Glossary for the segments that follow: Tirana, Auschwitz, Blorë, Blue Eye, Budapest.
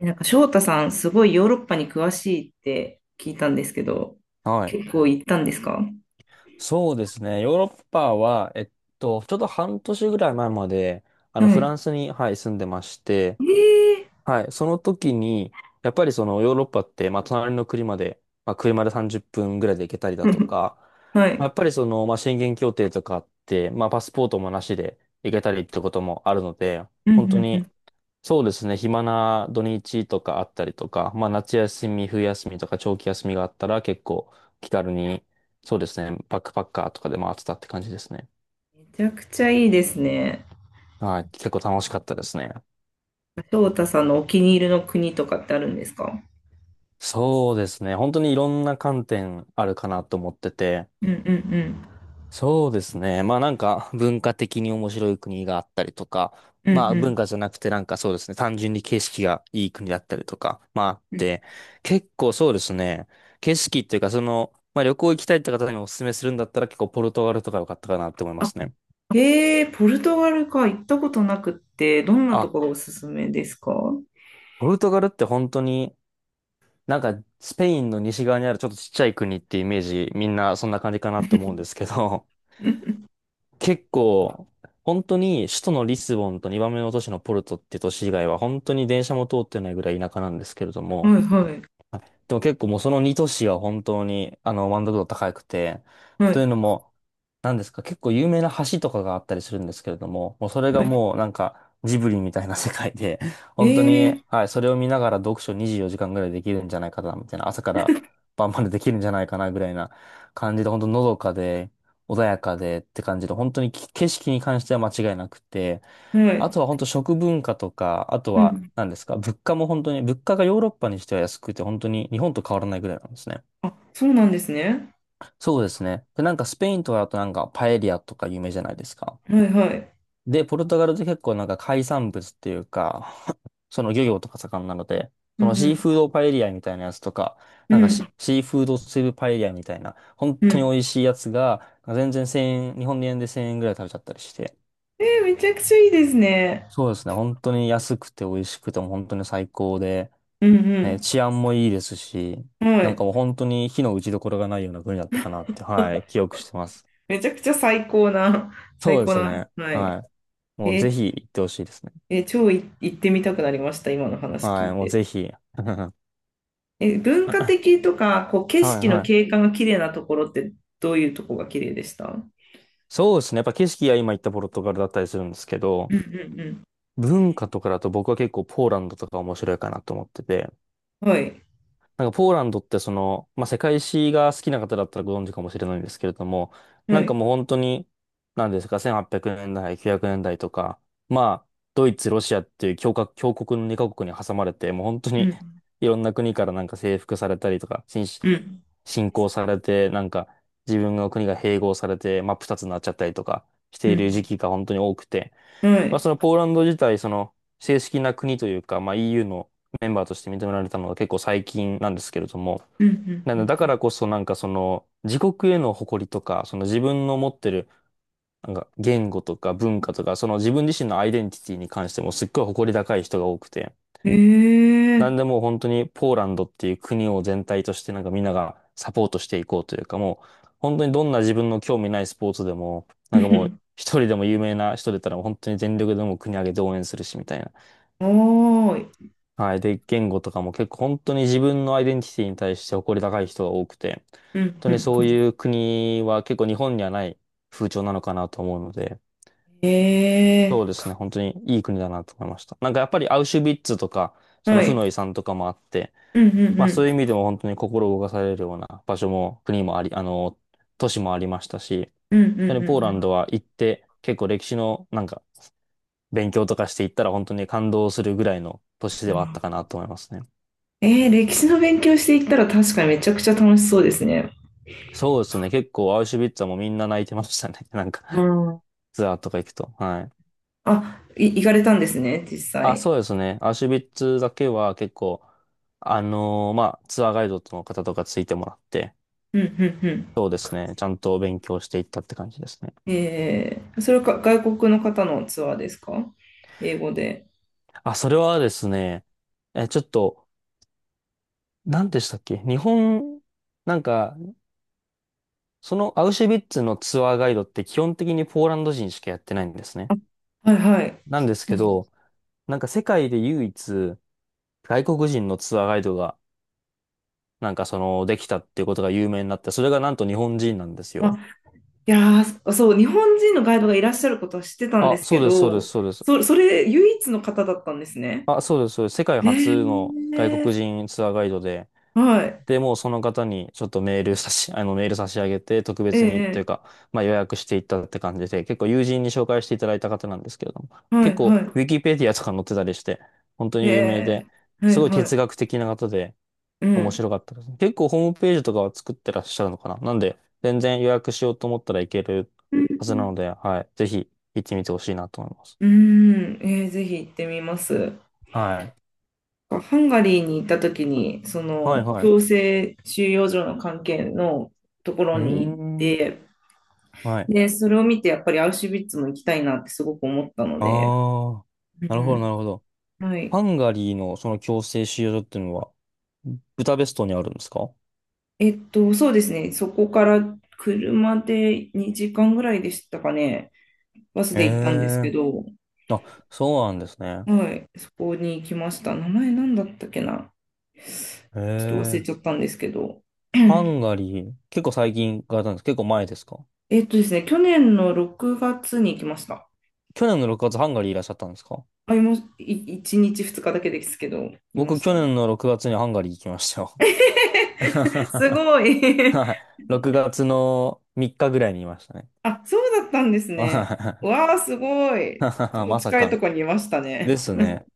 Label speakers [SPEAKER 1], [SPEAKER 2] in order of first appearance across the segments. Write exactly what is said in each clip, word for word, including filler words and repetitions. [SPEAKER 1] なんか翔太さん、すごいヨーロッパに詳しいって聞いたんですけど、
[SPEAKER 2] はい。
[SPEAKER 1] 結構行ったんですか？
[SPEAKER 2] そうですね。ヨーロッパは、えっと、ちょうどはんとしぐらい前まで、あの、
[SPEAKER 1] は
[SPEAKER 2] フ
[SPEAKER 1] い。
[SPEAKER 2] ランスに、はい、住んでまして、
[SPEAKER 1] ええ
[SPEAKER 2] はい、その時に、やっぱりそのヨーロッパって、まあ、隣の国まで、まあ、車でさんじゅっぷんぐらいで行けたりだと
[SPEAKER 1] ー、
[SPEAKER 2] か、
[SPEAKER 1] は
[SPEAKER 2] まあ
[SPEAKER 1] い。
[SPEAKER 2] やっぱりその、まあ、宣言協定とかあって、まあ、パスポートもなしで行けたりってこともあるので、
[SPEAKER 1] うんう
[SPEAKER 2] 本当
[SPEAKER 1] んう
[SPEAKER 2] に
[SPEAKER 1] ん。
[SPEAKER 2] そうですね。暇な土日とかあったりとか、まあ夏休み、冬休みとか長期休みがあったら結構気軽に、そうですね。バックパッカーとかで回ってたって感じですね。
[SPEAKER 1] めちゃくちゃいいですね。
[SPEAKER 2] はい。結構楽しかったですね。
[SPEAKER 1] 翔太さんのお気に入りの国とかってあるんですか？
[SPEAKER 2] そうですね。本当にいろんな観点あるかなと思ってて、
[SPEAKER 1] うんうんう
[SPEAKER 2] そうですね。まあなんか文化的に面白い国があったりとか、
[SPEAKER 1] ん。う
[SPEAKER 2] ま
[SPEAKER 1] ん
[SPEAKER 2] あ文
[SPEAKER 1] う
[SPEAKER 2] 化じゃなくてなんかそうですね、単純に景色がいい国だったりとか、まああっ
[SPEAKER 1] ん。うん。
[SPEAKER 2] て、結構そうですね、景色っていうかその、まあ旅行行きたいって方にお勧めするんだったら結構ポルトガルとか良かったかなって思いますね。
[SPEAKER 1] ええー、ポルトガルか、行ったことなくって、どんなと
[SPEAKER 2] あ、
[SPEAKER 1] ころがおすすめですか？
[SPEAKER 2] ポルトガルって本当になんかスペインの西側にあるちょっとちっちゃい国ってイメージみんなそんな感じかなって思うんですけど、
[SPEAKER 1] うん、
[SPEAKER 2] 結構、本当に首都のリスボンとにばんめの都市のポルトって都市以外は本当に電車も通ってないぐらい田舎なんですけれど
[SPEAKER 1] は
[SPEAKER 2] も、
[SPEAKER 1] いはい
[SPEAKER 2] でも結構もうそのに都市は本当にあの満足度高くて、
[SPEAKER 1] は
[SPEAKER 2] という
[SPEAKER 1] い。
[SPEAKER 2] のもなんですか、結構有名な橋とかがあったりするんですけれども、もうそれが
[SPEAKER 1] は
[SPEAKER 2] もうなんかジブリみたいな世界で、
[SPEAKER 1] い、
[SPEAKER 2] 本当に、
[SPEAKER 1] ええ
[SPEAKER 2] はい、それを見ながら読書にじゅうよじかんぐらいできるんじゃないかな、みたいな、朝から晩までできるんじゃないかな、ぐらいな感じで、本当のどかで、穏やかでって感じで、本当にき景色に関しては間違いなくて、
[SPEAKER 1] ー、は
[SPEAKER 2] あ
[SPEAKER 1] い。
[SPEAKER 2] とは本当食文化とか、あと
[SPEAKER 1] う
[SPEAKER 2] は
[SPEAKER 1] ん。
[SPEAKER 2] 何ですか、物価も本当に、物価がヨーロッパにしては安くて、本当に日本と変わらないぐらいなんですね。
[SPEAKER 1] あ、そうなんですね。
[SPEAKER 2] そうですね。で、なんかスペインとかだとなんかパエリアとか有名じゃないですか。
[SPEAKER 1] はいはい。
[SPEAKER 2] で、ポルトガルって結構なんか海産物っていうか、その漁業とか盛んなので、
[SPEAKER 1] う
[SPEAKER 2] そ
[SPEAKER 1] ん
[SPEAKER 2] の
[SPEAKER 1] う
[SPEAKER 2] シ
[SPEAKER 1] ん。
[SPEAKER 2] ーフードパエリアみたいなやつとか、
[SPEAKER 1] う
[SPEAKER 2] なんか
[SPEAKER 1] ん
[SPEAKER 2] シ、シーフードスープパエリアみたいな、本
[SPEAKER 1] う
[SPEAKER 2] 当に
[SPEAKER 1] ん。
[SPEAKER 2] 美味しいやつが、全然せんえん、日本円でせんえんぐらい食べちゃったりして、
[SPEAKER 1] えー、めちゃくちゃいいですね。
[SPEAKER 2] そうですね、本当に安くて美味しくても本当に最高で、
[SPEAKER 1] う
[SPEAKER 2] ね、
[SPEAKER 1] ん
[SPEAKER 2] 治安もいいですし、
[SPEAKER 1] うん。は
[SPEAKER 2] なんか
[SPEAKER 1] い。
[SPEAKER 2] もう本当に火の打ちどころがないような国だったかなって、はい、記憶してます。
[SPEAKER 1] めちゃくちゃ最高な、最
[SPEAKER 2] そうで
[SPEAKER 1] 高
[SPEAKER 2] す
[SPEAKER 1] な。
[SPEAKER 2] ね、
[SPEAKER 1] はい。
[SPEAKER 2] はい。
[SPEAKER 1] え
[SPEAKER 2] もうぜ
[SPEAKER 1] ー
[SPEAKER 2] ひ行ってほしいですね。
[SPEAKER 1] えー超い行ってみたくなりました、今の話聞
[SPEAKER 2] は
[SPEAKER 1] い
[SPEAKER 2] い、もう
[SPEAKER 1] て。
[SPEAKER 2] ぜひ。
[SPEAKER 1] えー文化的とか、こう、景
[SPEAKER 2] はい
[SPEAKER 1] 色の
[SPEAKER 2] はい。
[SPEAKER 1] 景観が綺麗なところって、どういうとこが綺麗でした？うん。
[SPEAKER 2] そうですね。やっぱ景色は今言ったポルトガルだったりするんですけ
[SPEAKER 1] うん
[SPEAKER 2] ど、
[SPEAKER 1] う
[SPEAKER 2] 文化とかだと僕は結構ポーランドとか面白いかなと思ってて、
[SPEAKER 1] ん。はい。
[SPEAKER 2] なんかポーランドってその、まあ、世界史が好きな方だったらご存知かもしれないんですけれども、
[SPEAKER 1] は
[SPEAKER 2] なんか
[SPEAKER 1] い。
[SPEAKER 2] もう本当に、なんですか、せんはっぴゃくねんだい、きゅうひゃくねんだいとか、まあ、ドイツ、ロシアっていう強国、強国のにカ国に挟まれて、もう本当
[SPEAKER 1] う
[SPEAKER 2] に
[SPEAKER 1] ん
[SPEAKER 2] いろんな国からなんか征服されたりとか、侵
[SPEAKER 1] うん
[SPEAKER 2] 侵攻されて、なんか自分の国が併合されて、真っ二つになっちゃったりとかし
[SPEAKER 1] う
[SPEAKER 2] ている時
[SPEAKER 1] ん
[SPEAKER 2] 期が本当に多くて、
[SPEAKER 1] うん。は
[SPEAKER 2] まあ、
[SPEAKER 1] い。
[SPEAKER 2] そのポーランド自体、その正式な国というか、まあ、イーユー のメンバーとして認められたのが結構最近なんですけれども、
[SPEAKER 1] うん
[SPEAKER 2] な
[SPEAKER 1] う
[SPEAKER 2] のでだ
[SPEAKER 1] ん
[SPEAKER 2] からこそなんかその自国への誇りとか、その自分の持ってるなんか言語とか文化とか、その自分自身のアイデンティティに関してもすっごい誇り高い人が多くて、
[SPEAKER 1] うん。ええ
[SPEAKER 2] なんで
[SPEAKER 1] ー。
[SPEAKER 2] もう本当にポーランドっていう国を全体としてなんかみんながサポートしていこうというかもう本当にどんな自分の興味ないスポーツでもなんかもうひとりでも有名な人出たらもう本当に全力でもう国挙げて応援するしみたいな。
[SPEAKER 1] はおーい。
[SPEAKER 2] はい。で、言語とかも結構本当に自分のアイデンティティに対して誇り高い人が多くて、
[SPEAKER 1] う
[SPEAKER 2] 本
[SPEAKER 1] ん
[SPEAKER 2] 当
[SPEAKER 1] う
[SPEAKER 2] に
[SPEAKER 1] ん、
[SPEAKER 2] そういう国は結構日本にはない風潮なのかなと思うので、
[SPEAKER 1] え
[SPEAKER 2] そうで
[SPEAKER 1] え
[SPEAKER 2] すね。本当にいい国だなと思いました。なんかやっぱりアウシュビッツとか、
[SPEAKER 1] ー。
[SPEAKER 2] その
[SPEAKER 1] は
[SPEAKER 2] 負
[SPEAKER 1] い。
[SPEAKER 2] の遺産とかもあって、
[SPEAKER 1] うんうん
[SPEAKER 2] ま
[SPEAKER 1] う
[SPEAKER 2] あそ
[SPEAKER 1] ん。
[SPEAKER 2] ういう意味でも本当に心動かされるような場所も国もあり、あの、都市もありましたし、
[SPEAKER 1] うんうん
[SPEAKER 2] 本
[SPEAKER 1] う
[SPEAKER 2] 当にポ
[SPEAKER 1] ん
[SPEAKER 2] ー
[SPEAKER 1] う
[SPEAKER 2] ランド
[SPEAKER 1] ん。
[SPEAKER 2] は行って結構歴史のなんか勉強とかしていったら本当に感動するぐらいの都市
[SPEAKER 1] う
[SPEAKER 2] ではあった
[SPEAKER 1] ん。
[SPEAKER 2] かなと思いますね。
[SPEAKER 1] えー、歴史の勉強していったら確かにめちゃくちゃ楽しそうですね。
[SPEAKER 2] そうですね。結構アウシュビッツはもうみんな泣いてましたね。なん
[SPEAKER 1] う
[SPEAKER 2] か
[SPEAKER 1] ん。
[SPEAKER 2] ツアーとか行くと。はい。
[SPEAKER 1] あ、い、行かれたんですね、実
[SPEAKER 2] あ、
[SPEAKER 1] 際。
[SPEAKER 2] そうですね。アウシュビッツだけは結構、あのーまあ、ツアーガイドの方とかついてもらって、
[SPEAKER 1] うんうんう
[SPEAKER 2] そうですね。ちゃんと勉強していったって感じですね。
[SPEAKER 1] ん。えー、それはか外国の方のツアーですか？英語で。
[SPEAKER 2] あ、それはですね、え、ちょっと、何でしたっけ日本、なんか、そのアウシュビッツのツアーガイドって基本的にポーランド人しかやってないんですね。
[SPEAKER 1] はいはい。
[SPEAKER 2] なんです
[SPEAKER 1] そう
[SPEAKER 2] け
[SPEAKER 1] なんです。
[SPEAKER 2] ど、なんか世界で唯一外国人のツアーガイドがなんかその、できたっていうことが有名になって、それがなんと日本人なんです
[SPEAKER 1] あ、
[SPEAKER 2] よ。
[SPEAKER 1] いやー、そう、日本人のガイドがいらっしゃることは知ってたんで
[SPEAKER 2] あ、
[SPEAKER 1] す
[SPEAKER 2] そ
[SPEAKER 1] け
[SPEAKER 2] うです、そうです、
[SPEAKER 1] ど、
[SPEAKER 2] そうです。
[SPEAKER 1] そ、それ唯一の方だったんですね。
[SPEAKER 2] あ、そうです、そうです。世界
[SPEAKER 1] え
[SPEAKER 2] 初の外
[SPEAKER 1] ー、
[SPEAKER 2] 国人ツアーガイドで、
[SPEAKER 1] はい。
[SPEAKER 2] で、もうその方にちょっとメール差し、あの、メール差し上げて、特別にっていう
[SPEAKER 1] ええ、
[SPEAKER 2] か、まあ予約していったって感じで、結構友人に紹介していただいた方なんですけれども、
[SPEAKER 1] は
[SPEAKER 2] 結
[SPEAKER 1] い
[SPEAKER 2] 構、
[SPEAKER 1] は
[SPEAKER 2] ウィキペディアとか載ってたりして、本当
[SPEAKER 1] い。え
[SPEAKER 2] に有名
[SPEAKER 1] え、
[SPEAKER 2] で、
[SPEAKER 1] は
[SPEAKER 2] す
[SPEAKER 1] い
[SPEAKER 2] ごい
[SPEAKER 1] はい。
[SPEAKER 2] 哲学的な方で、
[SPEAKER 1] う
[SPEAKER 2] 面
[SPEAKER 1] ん。
[SPEAKER 2] 白かったですね。結構ホームページとかは作ってらっしゃるのかななんで、全然予約しようと思ったらいける
[SPEAKER 1] うん。
[SPEAKER 2] は
[SPEAKER 1] う
[SPEAKER 2] ずな
[SPEAKER 1] ん。
[SPEAKER 2] ので、はい。ぜひ行ってみてほしいなと思います。
[SPEAKER 1] うーん、えーぜひ行ってみます。
[SPEAKER 2] はい。
[SPEAKER 1] ハンガリーに行った時に、そ
[SPEAKER 2] はい
[SPEAKER 1] の
[SPEAKER 2] はい。う
[SPEAKER 1] 強制収容所の関係のところ
[SPEAKER 2] ー
[SPEAKER 1] に行っ
[SPEAKER 2] ん。
[SPEAKER 1] て、
[SPEAKER 2] はい。
[SPEAKER 1] で、それを見てやっぱりアウシュビッツも行きたいなってすごく思ったので、
[SPEAKER 2] ああ。
[SPEAKER 1] う
[SPEAKER 2] なるほど、
[SPEAKER 1] ん、
[SPEAKER 2] なるほど。
[SPEAKER 1] はい。
[SPEAKER 2] ハンガリーのその強制収容所っていうのは、ブダペストにあるんですか？
[SPEAKER 1] えっと、そうですね、そこから車でにじかんぐらいでしたかね、バス
[SPEAKER 2] え
[SPEAKER 1] で行ったんです
[SPEAKER 2] え
[SPEAKER 1] けど、
[SPEAKER 2] ー。あ、そうなんですね。
[SPEAKER 1] はい、そこに行きました。名前なんだったっけな、ちょっと忘れ
[SPEAKER 2] ええ
[SPEAKER 1] ちゃったんですけど、
[SPEAKER 2] ハンガリー、結構最近行かれたんです。結構前ですか？
[SPEAKER 1] えっとですね、去年のろくがつに行きました。
[SPEAKER 2] 去年のろくがつハンガリーいらっしゃったんですか？
[SPEAKER 1] まあ、いま、い、いちにちふつかだけですけど、いま
[SPEAKER 2] 僕、
[SPEAKER 1] し
[SPEAKER 2] 去
[SPEAKER 1] たね。
[SPEAKER 2] 年のろくがつにハンガリー行きましたよ。
[SPEAKER 1] すごい。
[SPEAKER 2] はい。ろくがつのみっかぐらいにいましたね。
[SPEAKER 1] あ、そうだったんですね。
[SPEAKER 2] はい
[SPEAKER 1] わあ、すごい。超
[SPEAKER 2] まさ
[SPEAKER 1] 近い
[SPEAKER 2] か
[SPEAKER 1] と
[SPEAKER 2] の。
[SPEAKER 1] こにいました
[SPEAKER 2] で
[SPEAKER 1] ね。
[SPEAKER 2] すね。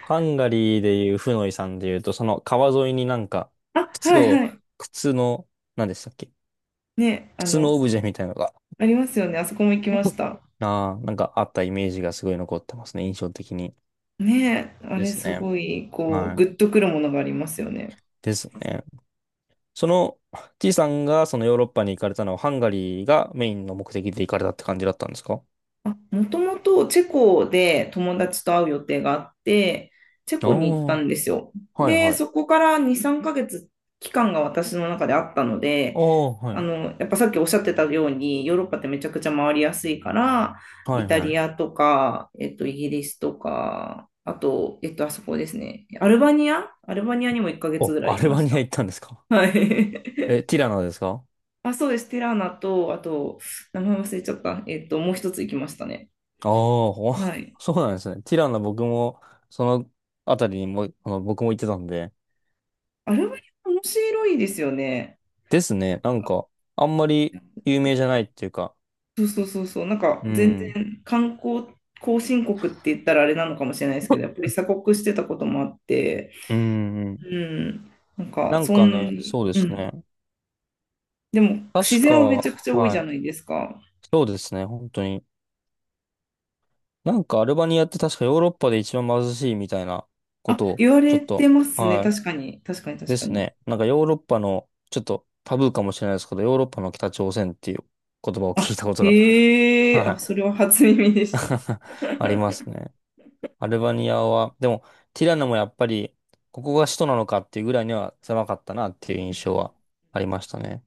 [SPEAKER 2] ハンガリーでいうフノイさんでいうと、その川沿いになんか、
[SPEAKER 1] あ、は
[SPEAKER 2] 靴
[SPEAKER 1] いは
[SPEAKER 2] を、
[SPEAKER 1] い。
[SPEAKER 2] 靴の、何でしたっけ、
[SPEAKER 1] ね、あ
[SPEAKER 2] 靴
[SPEAKER 1] の、
[SPEAKER 2] のオブジェみたいなのが、
[SPEAKER 1] ありますよね。あそこも行きまし た。
[SPEAKER 2] ああなんかあったイメージがすごい残ってますね。印象的に。
[SPEAKER 1] ね、あ
[SPEAKER 2] で
[SPEAKER 1] れ
[SPEAKER 2] す
[SPEAKER 1] す
[SPEAKER 2] ね。
[SPEAKER 1] ごい、こう、
[SPEAKER 2] は
[SPEAKER 1] グ
[SPEAKER 2] い。
[SPEAKER 1] ッとくるものがありますよね。
[SPEAKER 2] ですね。その T さんがそのヨーロッパに行かれたのはハンガリーがメインの目的で行かれたって感じだったんですか？
[SPEAKER 1] もともとチェコで友達と会う予定があって、チェ
[SPEAKER 2] ああ
[SPEAKER 1] コに行った
[SPEAKER 2] ー、
[SPEAKER 1] んですよ。
[SPEAKER 2] はい
[SPEAKER 1] で、
[SPEAKER 2] はい。
[SPEAKER 1] そこからに、さんかげつ期間が私の中であったので、
[SPEAKER 2] ああ、は
[SPEAKER 1] あ
[SPEAKER 2] い。
[SPEAKER 1] の、やっぱさっきおっしゃってたように、ヨーロッパってめちゃくちゃ回りやすいから、
[SPEAKER 2] は
[SPEAKER 1] イ
[SPEAKER 2] い
[SPEAKER 1] タ
[SPEAKER 2] は
[SPEAKER 1] リ
[SPEAKER 2] い。
[SPEAKER 1] アとか、えっと、イギリスとか、あと、えっと、あそこですね。アルバニアアルバニアにもいっかげつ
[SPEAKER 2] お、
[SPEAKER 1] ぐらい
[SPEAKER 2] ア
[SPEAKER 1] い
[SPEAKER 2] ル
[SPEAKER 1] ま
[SPEAKER 2] バ
[SPEAKER 1] し
[SPEAKER 2] ニア
[SPEAKER 1] た。
[SPEAKER 2] 行ったんですか？
[SPEAKER 1] はい。
[SPEAKER 2] え、ティラノですか？あ
[SPEAKER 1] あ、そうです。ティラーナと、あと、名前忘れちゃった。えっと、もう一つ行きましたね。
[SPEAKER 2] あー、ほ
[SPEAKER 1] はい。
[SPEAKER 2] そうなんですね。ティラノ僕も、そのあたりにも、あの、僕も行ってたんで。
[SPEAKER 1] あれは面白いですよね。
[SPEAKER 2] ですね。なんか、あんまり有名じゃないっていうか。
[SPEAKER 1] そうそうそうそう、なんか
[SPEAKER 2] う
[SPEAKER 1] 全
[SPEAKER 2] ん。
[SPEAKER 1] 然観光後進国って言ったらあれなのかもしれないですけど、やっぱり鎖国してたこともあって、
[SPEAKER 2] うん。
[SPEAKER 1] うん、なん
[SPEAKER 2] な
[SPEAKER 1] か
[SPEAKER 2] ん
[SPEAKER 1] そ
[SPEAKER 2] かね、
[SPEAKER 1] ん、
[SPEAKER 2] そうで
[SPEAKER 1] う
[SPEAKER 2] す
[SPEAKER 1] ん、
[SPEAKER 2] ね。
[SPEAKER 1] でも自
[SPEAKER 2] 確
[SPEAKER 1] 然
[SPEAKER 2] か、
[SPEAKER 1] はめちゃくちゃ多いじ
[SPEAKER 2] は
[SPEAKER 1] ゃない
[SPEAKER 2] い。
[SPEAKER 1] ですか。
[SPEAKER 2] そうですね。本当に。なんかアルバニアって確かヨーロッパで一番貧しいみたいなこ
[SPEAKER 1] あ、
[SPEAKER 2] とを、
[SPEAKER 1] 言わ
[SPEAKER 2] ちょ
[SPEAKER 1] れ
[SPEAKER 2] っ
[SPEAKER 1] て
[SPEAKER 2] と、
[SPEAKER 1] ますね、
[SPEAKER 2] は
[SPEAKER 1] 確かに、確かに、
[SPEAKER 2] い、で
[SPEAKER 1] 確か
[SPEAKER 2] す
[SPEAKER 1] に。
[SPEAKER 2] ね。なんかヨーロッパの、ちょっとタブーかもしれないですけど、ヨーロッパの北朝鮮っていう言葉を聞
[SPEAKER 1] あ、
[SPEAKER 2] いたことが、
[SPEAKER 1] へえ、あ、
[SPEAKER 2] は
[SPEAKER 1] それは初耳で
[SPEAKER 2] い、
[SPEAKER 1] した。
[SPEAKER 2] ありますね。アルバニアは、でも、ティラノもやっぱり、ここが首都なのかっていうぐらいには狭かったなっていう印象はありましたね。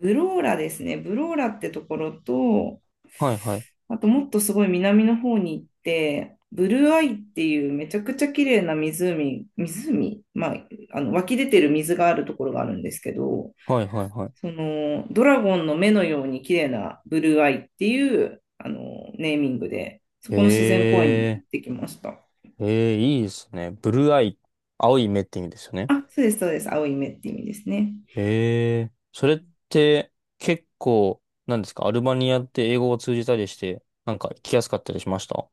[SPEAKER 1] ブローラですね。ブローラってところと、
[SPEAKER 2] はい、はい、
[SPEAKER 1] あともっとすごい南の方に行って、ブルーアイっていうめちゃくちゃ綺麗な湖、湖、まあ、あの湧き出てる水があるところがあるんですけど、
[SPEAKER 2] はい、はい、はい。
[SPEAKER 1] そのドラゴンの目のように綺麗なブルーアイっていうあのネーミングで、そこの自然公園に
[SPEAKER 2] え
[SPEAKER 1] 行ってきました。
[SPEAKER 2] ー、えー、いいですね。ブルーアイ、青い目って意味ですよね。
[SPEAKER 1] あ、そうです、そうです。青い目って意味ですね。
[SPEAKER 2] ええ、それって結構、なんですか、アルバニアって英語を通じたりして、なんか来やすかったりしました？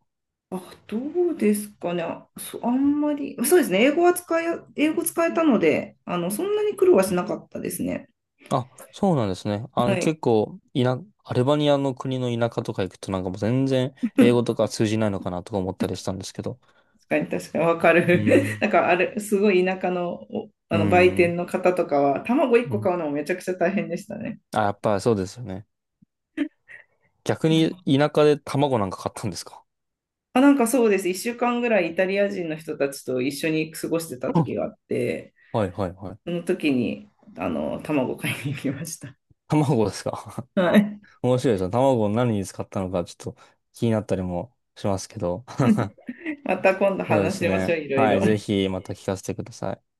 [SPEAKER 1] あ、どうですかね。あ、そ、あんまり、そうですね。英語は使い、英語使えたので、あの、そんなに苦労はしなかったですね。
[SPEAKER 2] あ、そうなんですね。あ
[SPEAKER 1] は
[SPEAKER 2] の、
[SPEAKER 1] い。
[SPEAKER 2] 結構、いな、アルバニアの国の田舎とか行くとなんかもう全然英語とか通じないのかなとか思ったりしたんですけど。
[SPEAKER 1] 確かに、確かに、わか
[SPEAKER 2] う
[SPEAKER 1] る。
[SPEAKER 2] ん。
[SPEAKER 1] なんか、あれ、すごい田舎の、おあ
[SPEAKER 2] う
[SPEAKER 1] の、売店
[SPEAKER 2] ん。
[SPEAKER 1] の方とかは、卵1
[SPEAKER 2] う
[SPEAKER 1] 個
[SPEAKER 2] ん。
[SPEAKER 1] 買うのもめちゃくちゃ大変でしたね。
[SPEAKER 2] あ、やっぱそうですよね。逆
[SPEAKER 1] う
[SPEAKER 2] に
[SPEAKER 1] ん、
[SPEAKER 2] 田舎で卵なんか買ったんですか？
[SPEAKER 1] あ、なんかそうです。いっしゅうかんぐらいイタリア人の人たちと一緒に過ごしてた
[SPEAKER 2] うん
[SPEAKER 1] 時 があって、
[SPEAKER 2] はいはいはい。
[SPEAKER 1] その時に、あの、卵買いに行きました。
[SPEAKER 2] 卵ですか？
[SPEAKER 1] はい。
[SPEAKER 2] 面白いですよ。卵を何に使ったのかちょっと気になったりもしますけど。
[SPEAKER 1] また今度
[SPEAKER 2] そうで
[SPEAKER 1] 話
[SPEAKER 2] す
[SPEAKER 1] しましょ
[SPEAKER 2] ね。
[SPEAKER 1] う、いろい
[SPEAKER 2] は
[SPEAKER 1] ろ。
[SPEAKER 2] い。ぜひまた聞かせてください。